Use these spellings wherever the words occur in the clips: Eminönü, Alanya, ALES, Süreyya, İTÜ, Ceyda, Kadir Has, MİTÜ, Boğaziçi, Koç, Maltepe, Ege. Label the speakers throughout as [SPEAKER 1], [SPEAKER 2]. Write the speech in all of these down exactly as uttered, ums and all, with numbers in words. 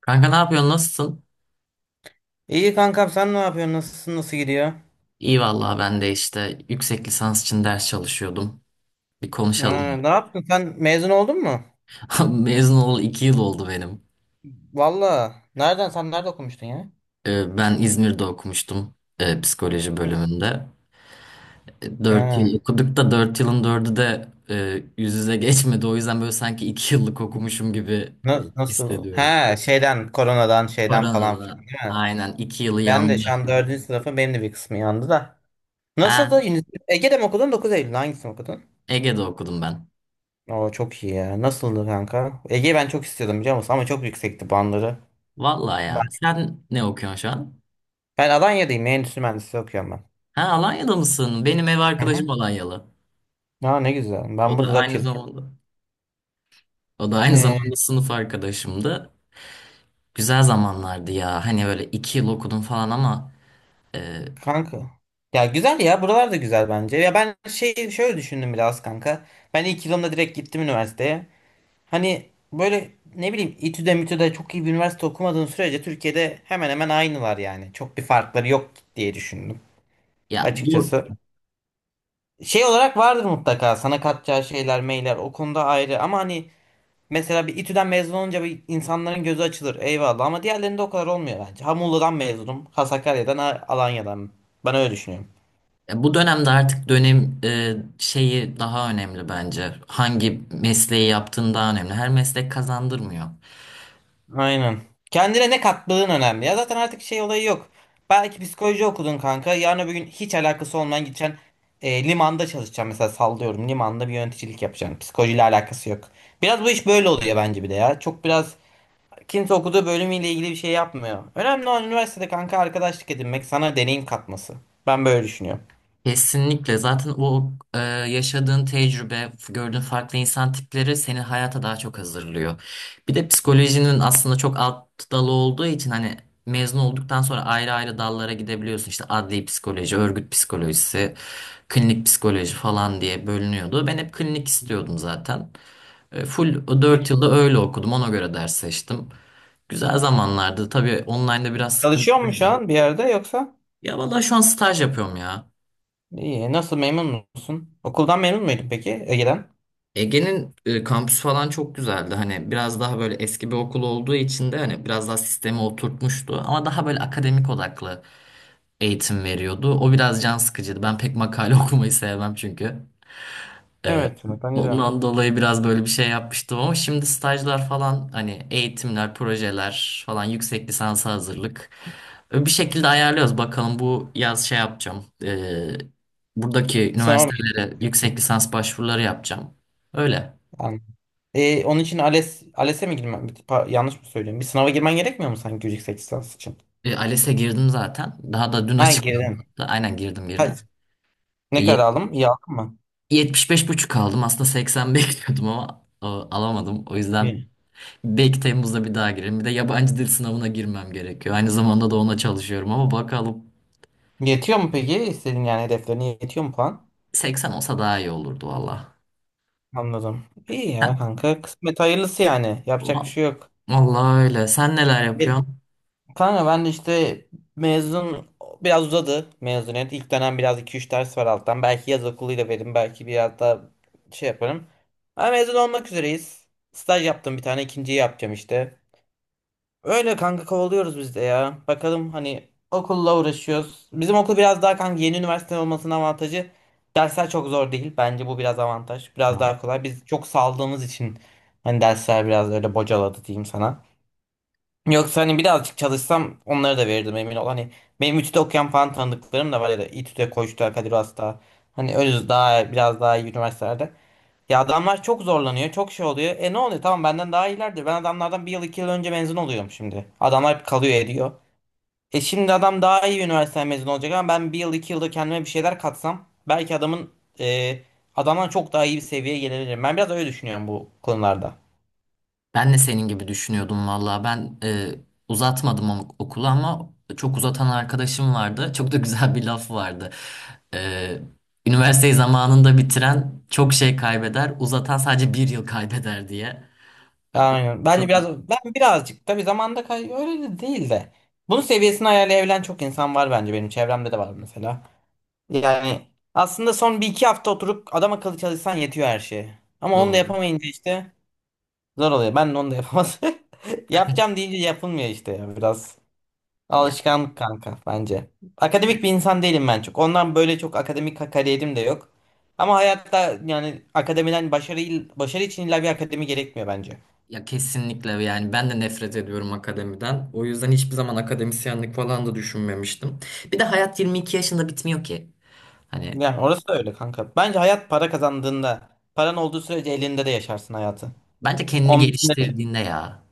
[SPEAKER 1] Kanka ne yapıyorsun? Nasılsın?
[SPEAKER 2] İyi kankam sen ne yapıyorsun? Nasılsın? Nasıl gidiyor?
[SPEAKER 1] İyi vallahi ben de işte yüksek lisans için ders çalışıyordum. Bir
[SPEAKER 2] Ha,
[SPEAKER 1] konuşalım.
[SPEAKER 2] ne yaptın? Sen mezun oldun mu?
[SPEAKER 1] Mezun olalı iki yıl oldu benim.
[SPEAKER 2] Valla. Nereden? Sen nerede okumuştun ya?
[SPEAKER 1] Ee, ben İzmir'de okumuştum e, psikoloji bölümünde. E, Dört
[SPEAKER 2] Ha,
[SPEAKER 1] yıl okuduk da dört yılın dördü de e, yüz yüze geçmedi. O yüzden böyle sanki iki yıllık okumuşum gibi
[SPEAKER 2] na- nasıl?
[SPEAKER 1] hissediyorum.
[SPEAKER 2] Ha, şeyden, koronadan, şeyden falan filan
[SPEAKER 1] Koronada
[SPEAKER 2] değil mi?
[SPEAKER 1] aynen iki yılı
[SPEAKER 2] Ben de
[SPEAKER 1] yandı
[SPEAKER 2] şu an
[SPEAKER 1] öyle.
[SPEAKER 2] dördüncü sınıfım. Benim de bir kısmı yandı da.
[SPEAKER 1] Ha,
[SPEAKER 2] Nasıldı? Üniversite- Ege'de mi okudun? Dokuz Eylül'de hangisini okudun?
[SPEAKER 1] Ege'de okudum ben.
[SPEAKER 2] Oo, çok iyi ya. Nasıldı kanka? Ege'yi ben çok istiyordum biliyor musun? Ama çok yüksekti bandları.
[SPEAKER 1] Vallahi
[SPEAKER 2] Ben,
[SPEAKER 1] ya. Sen ne okuyorsun şu an?
[SPEAKER 2] ben Alanya'dayım. Endüstri mühendisliği okuyorum ben.
[SPEAKER 1] Ha, Alanya'da mısın? Benim ev
[SPEAKER 2] Hı hı.
[SPEAKER 1] arkadaşım Alanyalı.
[SPEAKER 2] Aa, ne güzel.
[SPEAKER 1] O
[SPEAKER 2] Ben
[SPEAKER 1] da
[SPEAKER 2] burada dört
[SPEAKER 1] aynı
[SPEAKER 2] yıl.
[SPEAKER 1] zamanda o da aynı zamanda sınıf arkadaşımdı. Güzel zamanlardı ya. Hani böyle iki yıl okudum falan ama e,
[SPEAKER 2] Kanka. Ya güzel ya buralar da güzel bence. Ya ben şey şöyle düşündüm biraz kanka. Ben ilk yılımda direkt gittim üniversiteye. Hani böyle ne bileyim İTÜ'de MİTÜ'de çok iyi bir üniversite okumadığın sürece Türkiye'de hemen hemen aynılar yani. Çok bir farkları yok diye düşündüm
[SPEAKER 1] ya bu
[SPEAKER 2] açıkçası. Şey olarak vardır mutlaka sana katacağı şeyler meyler o konuda ayrı, ama hani mesela bir İTÜ'den mezun olunca bir insanların gözü açılır, eyvallah, ama diğerlerinde o kadar olmuyor bence. Ha Muğla'dan mezunum, ha Sakarya'dan, ha Alanya'dan, ben öyle düşünüyorum.
[SPEAKER 1] ya bu dönemde artık dönem e, şeyi daha önemli bence. Hangi mesleği yaptığın daha önemli. Her meslek kazandırmıyor.
[SPEAKER 2] Aynen. Kendine ne kattığın önemli. Ya zaten artık şey olayı yok. Belki psikoloji okudun kanka. Yarın öbür gün hiç alakası olmayan gideceksin. E, limanda çalışacaksın mesela, sallıyorum. Limanda bir yöneticilik yapacaksın. Psikolojiyle alakası yok. Biraz bu iş böyle oluyor bence bir de ya. Çok biraz kimse okuduğu bölümüyle ilgili bir şey yapmıyor. Önemli olan üniversitede kanka arkadaşlık edinmek, sana deneyim katması. Ben böyle düşünüyorum.
[SPEAKER 1] Kesinlikle. Zaten o e, yaşadığın tecrübe, gördüğün farklı insan tipleri seni hayata daha çok hazırlıyor. Bir de psikolojinin aslında çok alt dalı olduğu için hani mezun olduktan sonra ayrı ayrı dallara gidebiliyorsun. İşte adli psikoloji, örgüt psikolojisi, klinik psikoloji falan diye bölünüyordu. Ben hep klinik istiyordum zaten. E, Full o dört
[SPEAKER 2] Peki
[SPEAKER 1] yılda öyle okudum. Ona göre ders seçtim. Güzel zamanlardı. Tabii online'da biraz
[SPEAKER 2] çalışıyor musun şu
[SPEAKER 1] sıkıntılıydı.
[SPEAKER 2] an bir yerde yoksa?
[SPEAKER 1] Ya vallahi şu an staj yapıyorum ya.
[SPEAKER 2] İyi. Nasıl, memnun musun? Okuldan memnun muydun peki Ege'den?
[SPEAKER 1] Ege'nin e, kampüsü falan çok güzeldi. Hani biraz daha böyle eski bir okul olduğu için de hani biraz daha sistemi oturtmuştu. Ama daha böyle akademik odaklı eğitim veriyordu. O biraz can sıkıcıydı. Ben pek makale okumayı sevmem çünkü. E,
[SPEAKER 2] Evet. Bence de.
[SPEAKER 1] ondan dolayı biraz böyle bir şey yapmıştım ama şimdi stajlar falan hani eğitimler, projeler falan yüksek lisansa hazırlık. E, Bir şekilde ayarlıyoruz. Bakalım bu yaz şey yapacağım. E, buradaki
[SPEAKER 2] Sınava mı girdin?
[SPEAKER 1] üniversitelere yüksek lisans başvuruları yapacağım. Öyle.
[SPEAKER 2] Anladım. E, onun için ALES ALES'e mi girmen? pa- Yanlış mı söylüyorum? Bir sınava girmen gerekmiyor mu sanki yüksek lisans için?
[SPEAKER 1] E, ALES'e girdim zaten. Daha da dün
[SPEAKER 2] Ha
[SPEAKER 1] açıklandı
[SPEAKER 2] girdin.
[SPEAKER 1] hatta. Aynen girdim
[SPEAKER 2] Ha,
[SPEAKER 1] girdim. E,
[SPEAKER 2] ne
[SPEAKER 1] ye-
[SPEAKER 2] kadar aldım? İyi aldın mı?
[SPEAKER 1] Yetmiş beş buçuk aldım. Aslında seksen bekliyordum ama e, alamadım. O yüzden
[SPEAKER 2] İyi.
[SPEAKER 1] belki Temmuz'da bir daha girerim. Bir de yabancı dil sınavına girmem gerekiyor. Aynı zamanda da ona çalışıyorum ama bakalım
[SPEAKER 2] Yetiyor mu peki? İstediğin, yani hedeflerine yetiyor mu puan?
[SPEAKER 1] seksen olsa daha iyi olurdu valla.
[SPEAKER 2] Anladım. İyi ya
[SPEAKER 1] Ha,
[SPEAKER 2] kanka. Kısmet hayırlısı yani. Yapacak bir
[SPEAKER 1] va-
[SPEAKER 2] şey yok.
[SPEAKER 1] Vallahi öyle. Sen neler
[SPEAKER 2] Bir,
[SPEAKER 1] yapıyorsun?
[SPEAKER 2] kanka ben de işte mezun biraz uzadı mezuniyet. İlk dönem biraz iki üç ders var alttan. Belki yaz okuluyla veririm. Belki biraz daha şey yaparım. Ama mezun olmak üzereyiz. Staj yaptım bir tane. İkinciyi yapacağım işte. Öyle kanka, kovalıyoruz biz de ya. Bakalım hani, okulla uğraşıyoruz. Bizim okul biraz daha kanka, yeni üniversite olmasının avantajı. Dersler çok zor değil. Bence bu biraz avantaj. Biraz daha kolay. Biz çok saldığımız için hani dersler biraz öyle bocaladı diyeyim sana. Yoksa hani birazcık çalışsam onları da verirdim, emin ol. Hani benim İTÜ'de okuyan falan tanıdıklarım da var ya da İTÜ'de, Koç'ta, Kadir Has'ta. Hani öyle daha biraz daha iyi üniversitelerde. Ya adamlar çok zorlanıyor, çok şey oluyor. E ne oluyor? Tamam benden daha iyilerdir. Ben adamlardan bir yıl iki yıl önce mezun oluyorum şimdi. Adamlar hep kalıyor ediyor. E şimdi adam daha iyi bir üniversiteden mezun olacak ama ben bir yıl iki yılda kendime bir şeyler katsam belki adamın e, adamdan çok daha iyi bir seviyeye gelebilirim. Ben biraz öyle düşünüyorum bu konularda.
[SPEAKER 1] Ben de senin gibi düşünüyordum valla. Ben e, uzatmadım o- okulu ama çok uzatan arkadaşım vardı. Çok da güzel bir laf vardı. E, Üniversiteyi zamanında bitiren çok şey kaybeder, uzatan sadece bir yıl kaybeder diye. E, o
[SPEAKER 2] Aynen. Bence
[SPEAKER 1] da da
[SPEAKER 2] biraz ben birazcık tabii zamanda kay öyle de değil de. Bunun seviyesini ayarlayabilen çok insan var bence, benim çevremde de var mesela. Yani aslında son bir iki hafta oturup adam akıllı çalışsan yetiyor her şeye. Ama onu da
[SPEAKER 1] doğru.
[SPEAKER 2] yapamayınca işte zor oluyor. Ben de onu da yapamadım. Yapacağım deyince yapılmıyor işte ya biraz.
[SPEAKER 1] Ya,
[SPEAKER 2] Alışkanlık kanka bence. Akademik bir insan değilim ben çok. Ondan böyle çok akademik ka- kariyerim de yok. Ama hayatta yani akademiden başarı, il- başarı için illa bir akademi gerekmiyor bence.
[SPEAKER 1] ya kesinlikle yani ben de nefret ediyorum akademiden. O yüzden hiçbir zaman akademisyenlik falan da düşünmemiştim. Bir de hayat yirmi iki yaşında bitmiyor ki. Hani
[SPEAKER 2] Yani orası da öyle kanka. Bence hayat para kazandığında, paran olduğu sürece elinde de yaşarsın hayatı.
[SPEAKER 1] bence kendini
[SPEAKER 2] on beşinde de.
[SPEAKER 1] geliştirdiğinde ya.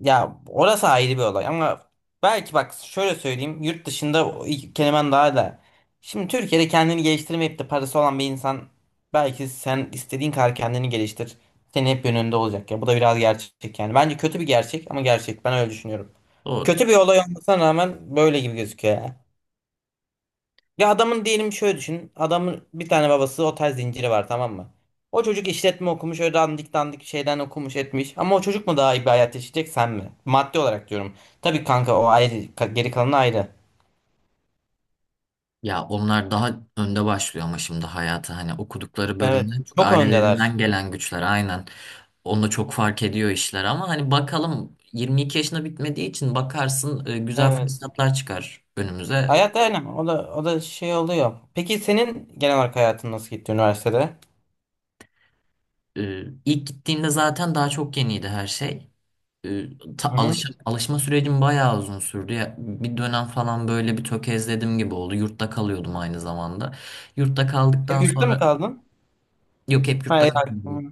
[SPEAKER 2] Ya orası ayrı bir olay ama belki bak şöyle söyleyeyim, yurt dışında o iki kelimen daha da, şimdi Türkiye'de kendini geliştirmeyip de parası olan bir insan, belki sen istediğin kadar kendini geliştir, senin hep önünde olacak ya. Bu da biraz gerçek yani, bence kötü bir gerçek ama gerçek, ben öyle düşünüyorum.
[SPEAKER 1] Doğru.
[SPEAKER 2] Kötü bir olay olmasına rağmen böyle gibi gözüküyor ya. Adamın diyelim şöyle düşün. Adamın bir tane babası otel zinciri var, tamam mı? O çocuk işletme okumuş, öyle dandik dandik şeyden okumuş etmiş. Ama o çocuk mu daha iyi bir hayat yaşayacak sen mi? Maddi olarak diyorum. Tabii kanka o ayrı, ka- geri kalanı ayrı.
[SPEAKER 1] Ya onlar daha önde başlıyor ama şimdi hayata hani okudukları
[SPEAKER 2] Evet.
[SPEAKER 1] bölümden çok
[SPEAKER 2] Çok öndeler.
[SPEAKER 1] ailelerinden gelen güçler aynen. Onda çok fark ediyor işler ama hani bakalım yirmi iki yaşına bitmediği için bakarsın e, güzel
[SPEAKER 2] Evet.
[SPEAKER 1] fırsatlar çıkar önümüze.
[SPEAKER 2] Hayat aynen o da, o da şey oluyor. Peki senin genel olarak hayatın nasıl gitti üniversitede?
[SPEAKER 1] E, İlk gittiğimde zaten daha çok yeniydi her şey. E, ta-
[SPEAKER 2] Hı hı.
[SPEAKER 1] alışa- alışma sürecim bayağı uzun sürdü. Ya, bir dönem falan böyle bir tökezledim gibi oldu. Yurtta kalıyordum aynı zamanda. Yurtta kaldıktan
[SPEAKER 2] Hep yurtta mı
[SPEAKER 1] sonra
[SPEAKER 2] kaldın?
[SPEAKER 1] yok, hep yurtta
[SPEAKER 2] Hayır.
[SPEAKER 1] kaldım.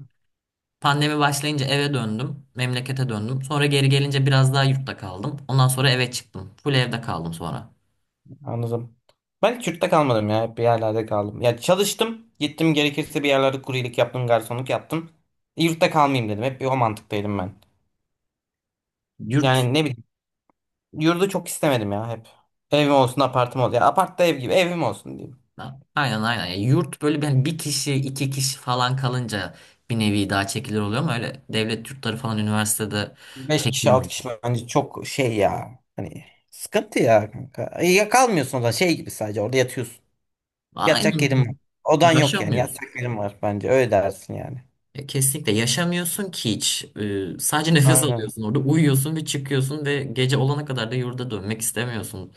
[SPEAKER 1] Pandemi başlayınca eve döndüm. Memlekete döndüm. Sonra geri gelince biraz daha yurtta kaldım. Ondan sonra eve çıktım. Full evde kaldım sonra.
[SPEAKER 2] Anladım. Ben hiç yurtta kalmadım ya. Hep bir yerlerde kaldım. Ya çalıştım. Gittim gerekirse bir yerlerde kuryelik yaptım, garsonluk yaptım. E, Yurtta kalmayayım dedim. Hep bir o mantıktaydım ben.
[SPEAKER 1] Yurt
[SPEAKER 2] Yani ne bileyim. Yurdu çok istemedim ya hep. Evim olsun, apartım olsun. Ya apart da ev gibi. Evim olsun diyeyim.
[SPEAKER 1] aynen, aynen. Yani yurt böyle, ben bir kişi iki kişi falan kalınca bir nevi daha çekilir oluyor ama öyle devlet yurtları falan üniversitede
[SPEAKER 2] Beş kişi, altı
[SPEAKER 1] çekilmiyor.
[SPEAKER 2] kişi bence çok şey ya. Hani sıkıntı ya kanka. E, Ya kalmıyorsun da şey gibi, sadece orada yatıyorsun. Yatacak yerin var.
[SPEAKER 1] Aynen.
[SPEAKER 2] Odan yok yani.
[SPEAKER 1] Yaşamıyorsun.
[SPEAKER 2] Yatacak yerin var bence. Öyle dersin yani.
[SPEAKER 1] E, Kesinlikle yaşamıyorsun ki hiç. E, sadece nefes
[SPEAKER 2] Aynen.
[SPEAKER 1] alıyorsun, orada uyuyorsun ve çıkıyorsun ve gece olana kadar da yurda dönmek istemiyorsun.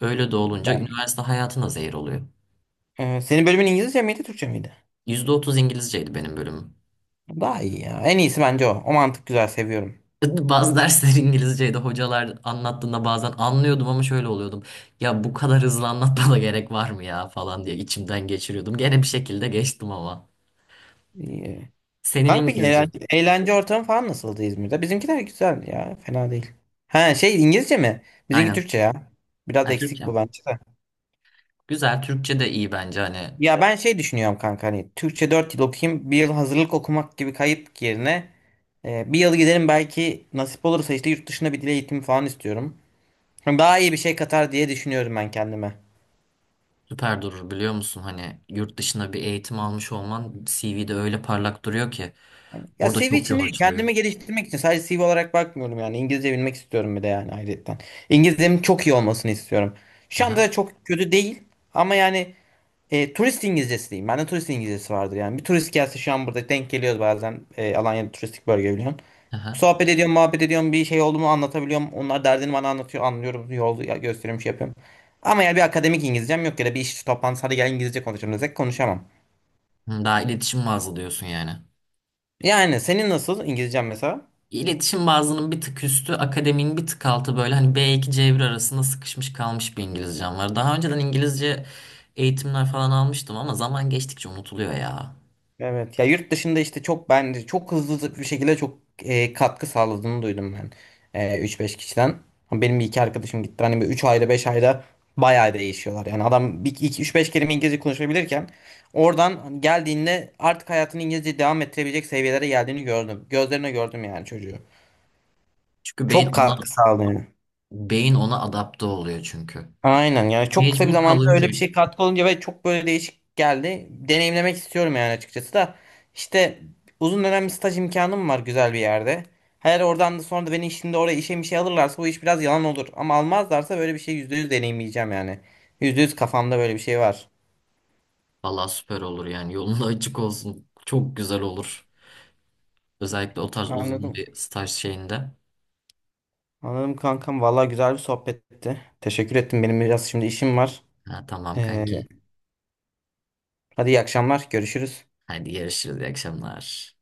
[SPEAKER 1] Öyle de olunca
[SPEAKER 2] Ben.
[SPEAKER 1] üniversite hayatına zehir oluyor.
[SPEAKER 2] Ee, senin bölümün İngilizce miydi, Türkçe miydi?
[SPEAKER 1] Yüzde otuz İngilizceydi benim bölümüm.
[SPEAKER 2] Daha iyi ya. En iyisi bence o. O mantık güzel, seviyorum.
[SPEAKER 1] Bazı dersler İngilizceydi. Hocalar anlattığında bazen anlıyordum ama şöyle oluyordum. Ya bu kadar hızlı anlatmana gerek var mı ya falan diye içimden geçiriyordum. Gene bir şekilde geçtim ama.
[SPEAKER 2] İyi.
[SPEAKER 1] Senin
[SPEAKER 2] Kanka peki
[SPEAKER 1] İngilizce.
[SPEAKER 2] eğlence, eğlence ortamı falan nasıldı İzmir'de? Bizimkiler güzel ya. Fena değil. Ha şey, İngilizce mi? Bizimki
[SPEAKER 1] Aynen.
[SPEAKER 2] Türkçe ya. Biraz
[SPEAKER 1] Ha,
[SPEAKER 2] eksik bu
[SPEAKER 1] Türkçem.
[SPEAKER 2] bence.
[SPEAKER 1] Güzel. Türkçe de iyi bence hani.
[SPEAKER 2] Ya ben şey düşünüyorum kanka, hani Türkçe dört yıl okuyayım, bir yıl hazırlık okumak gibi kayıp yerine e, bir yıl giderim belki, nasip olursa işte yurt dışında bir dil eğitimi falan istiyorum. Hani daha iyi bir şey katar diye düşünüyorum ben kendime.
[SPEAKER 1] Süper durur biliyor musun? Hani yurt dışında bir eğitim almış olman C V'de öyle parlak duruyor ki.
[SPEAKER 2] Ya
[SPEAKER 1] Orada
[SPEAKER 2] C V
[SPEAKER 1] çok
[SPEAKER 2] için
[SPEAKER 1] yol
[SPEAKER 2] değil,
[SPEAKER 1] açılıyor.
[SPEAKER 2] kendimi geliştirmek için, sadece C V olarak bakmıyorum yani. İngilizce bilmek istiyorum bir de yani, ayrıca. İngilizcemin çok iyi olmasını istiyorum. Şu anda
[SPEAKER 1] Aha,
[SPEAKER 2] da çok kötü değil ama yani e, turist İngilizcesi diyeyim. Bende turist İngilizcesi vardır yani. Bir turist gelse şu an burada denk geliyoruz bazen. E, Alanya'da turistik bölge biliyorsun.
[SPEAKER 1] aha.
[SPEAKER 2] Sohbet ediyorum, muhabbet ediyorum. Bir şey oldu mu anlatabiliyorum. Onlar derdini bana anlatıyor. Anlıyorum, yol ya- gösteriyorum, şey yapıyorum. Ama yani bir akademik İngilizcem yok, ya da bir iş toplantısı hadi gel İngilizce konuşalım desek konuşamam.
[SPEAKER 1] Hı, daha iletişim bazlı diyorsun yani.
[SPEAKER 2] Yani senin nasıl İngilizcen mesela?
[SPEAKER 1] İletişim bazının bir tık üstü, akademinin bir tık altı böyle hani B iki C bir arasında sıkışmış kalmış bir İngilizcem var. Daha önceden İngilizce eğitimler falan almıştım ama zaman geçtikçe unutuluyor ya.
[SPEAKER 2] Evet ya, yurt dışında işte çok, bence çok hızlı bir şekilde çok e, katkı sağladığını duydum ben e, üç beş kişiden. Ama benim bir iki arkadaşım gitti. Hani bir üç ayda beş ayda bayağı değişiyorlar. Yani adam bir iki üç beş kelime İngilizce konuşabilirken oradan geldiğinde artık hayatını İngilizce devam ettirebilecek seviyelere geldiğini gördüm. Gözlerine gördüm yani çocuğu.
[SPEAKER 1] Çünkü
[SPEAKER 2] Çok
[SPEAKER 1] beyin ona
[SPEAKER 2] katkı sağladı.
[SPEAKER 1] beyin ona adapte oluyor çünkü.
[SPEAKER 2] Aynen, yani çok kısa bir
[SPEAKER 1] Mecbur
[SPEAKER 2] zamanda öyle
[SPEAKER 1] kalınca
[SPEAKER 2] bir şey katkı olunca, ve çok böyle değişik geldi. Deneyimlemek istiyorum yani açıkçası da. İşte uzun dönem bir staj imkanım var güzel bir yerde. Her oradan da sonra da beni şimdi oraya işe bir şey alırlarsa bu iş biraz yalan olur. Ama almazlarsa böyle bir şey yüzde yüz deneyimleyeceğim yani. Yüzde yüz kafamda böyle bir şey var.
[SPEAKER 1] valla süper olur yani, yolun da açık olsun. Çok güzel olur. Özellikle o tarz uzun
[SPEAKER 2] Anladım.
[SPEAKER 1] bir staj şeyinde.
[SPEAKER 2] Anladım kankam. Valla güzel bir sohbetti. Teşekkür ettim. Benim biraz şimdi işim var.
[SPEAKER 1] Ha, tamam
[SPEAKER 2] Ee,
[SPEAKER 1] kanki.
[SPEAKER 2] Hadi iyi akşamlar. Görüşürüz.
[SPEAKER 1] Hadi görüşürüz. İyi akşamlar.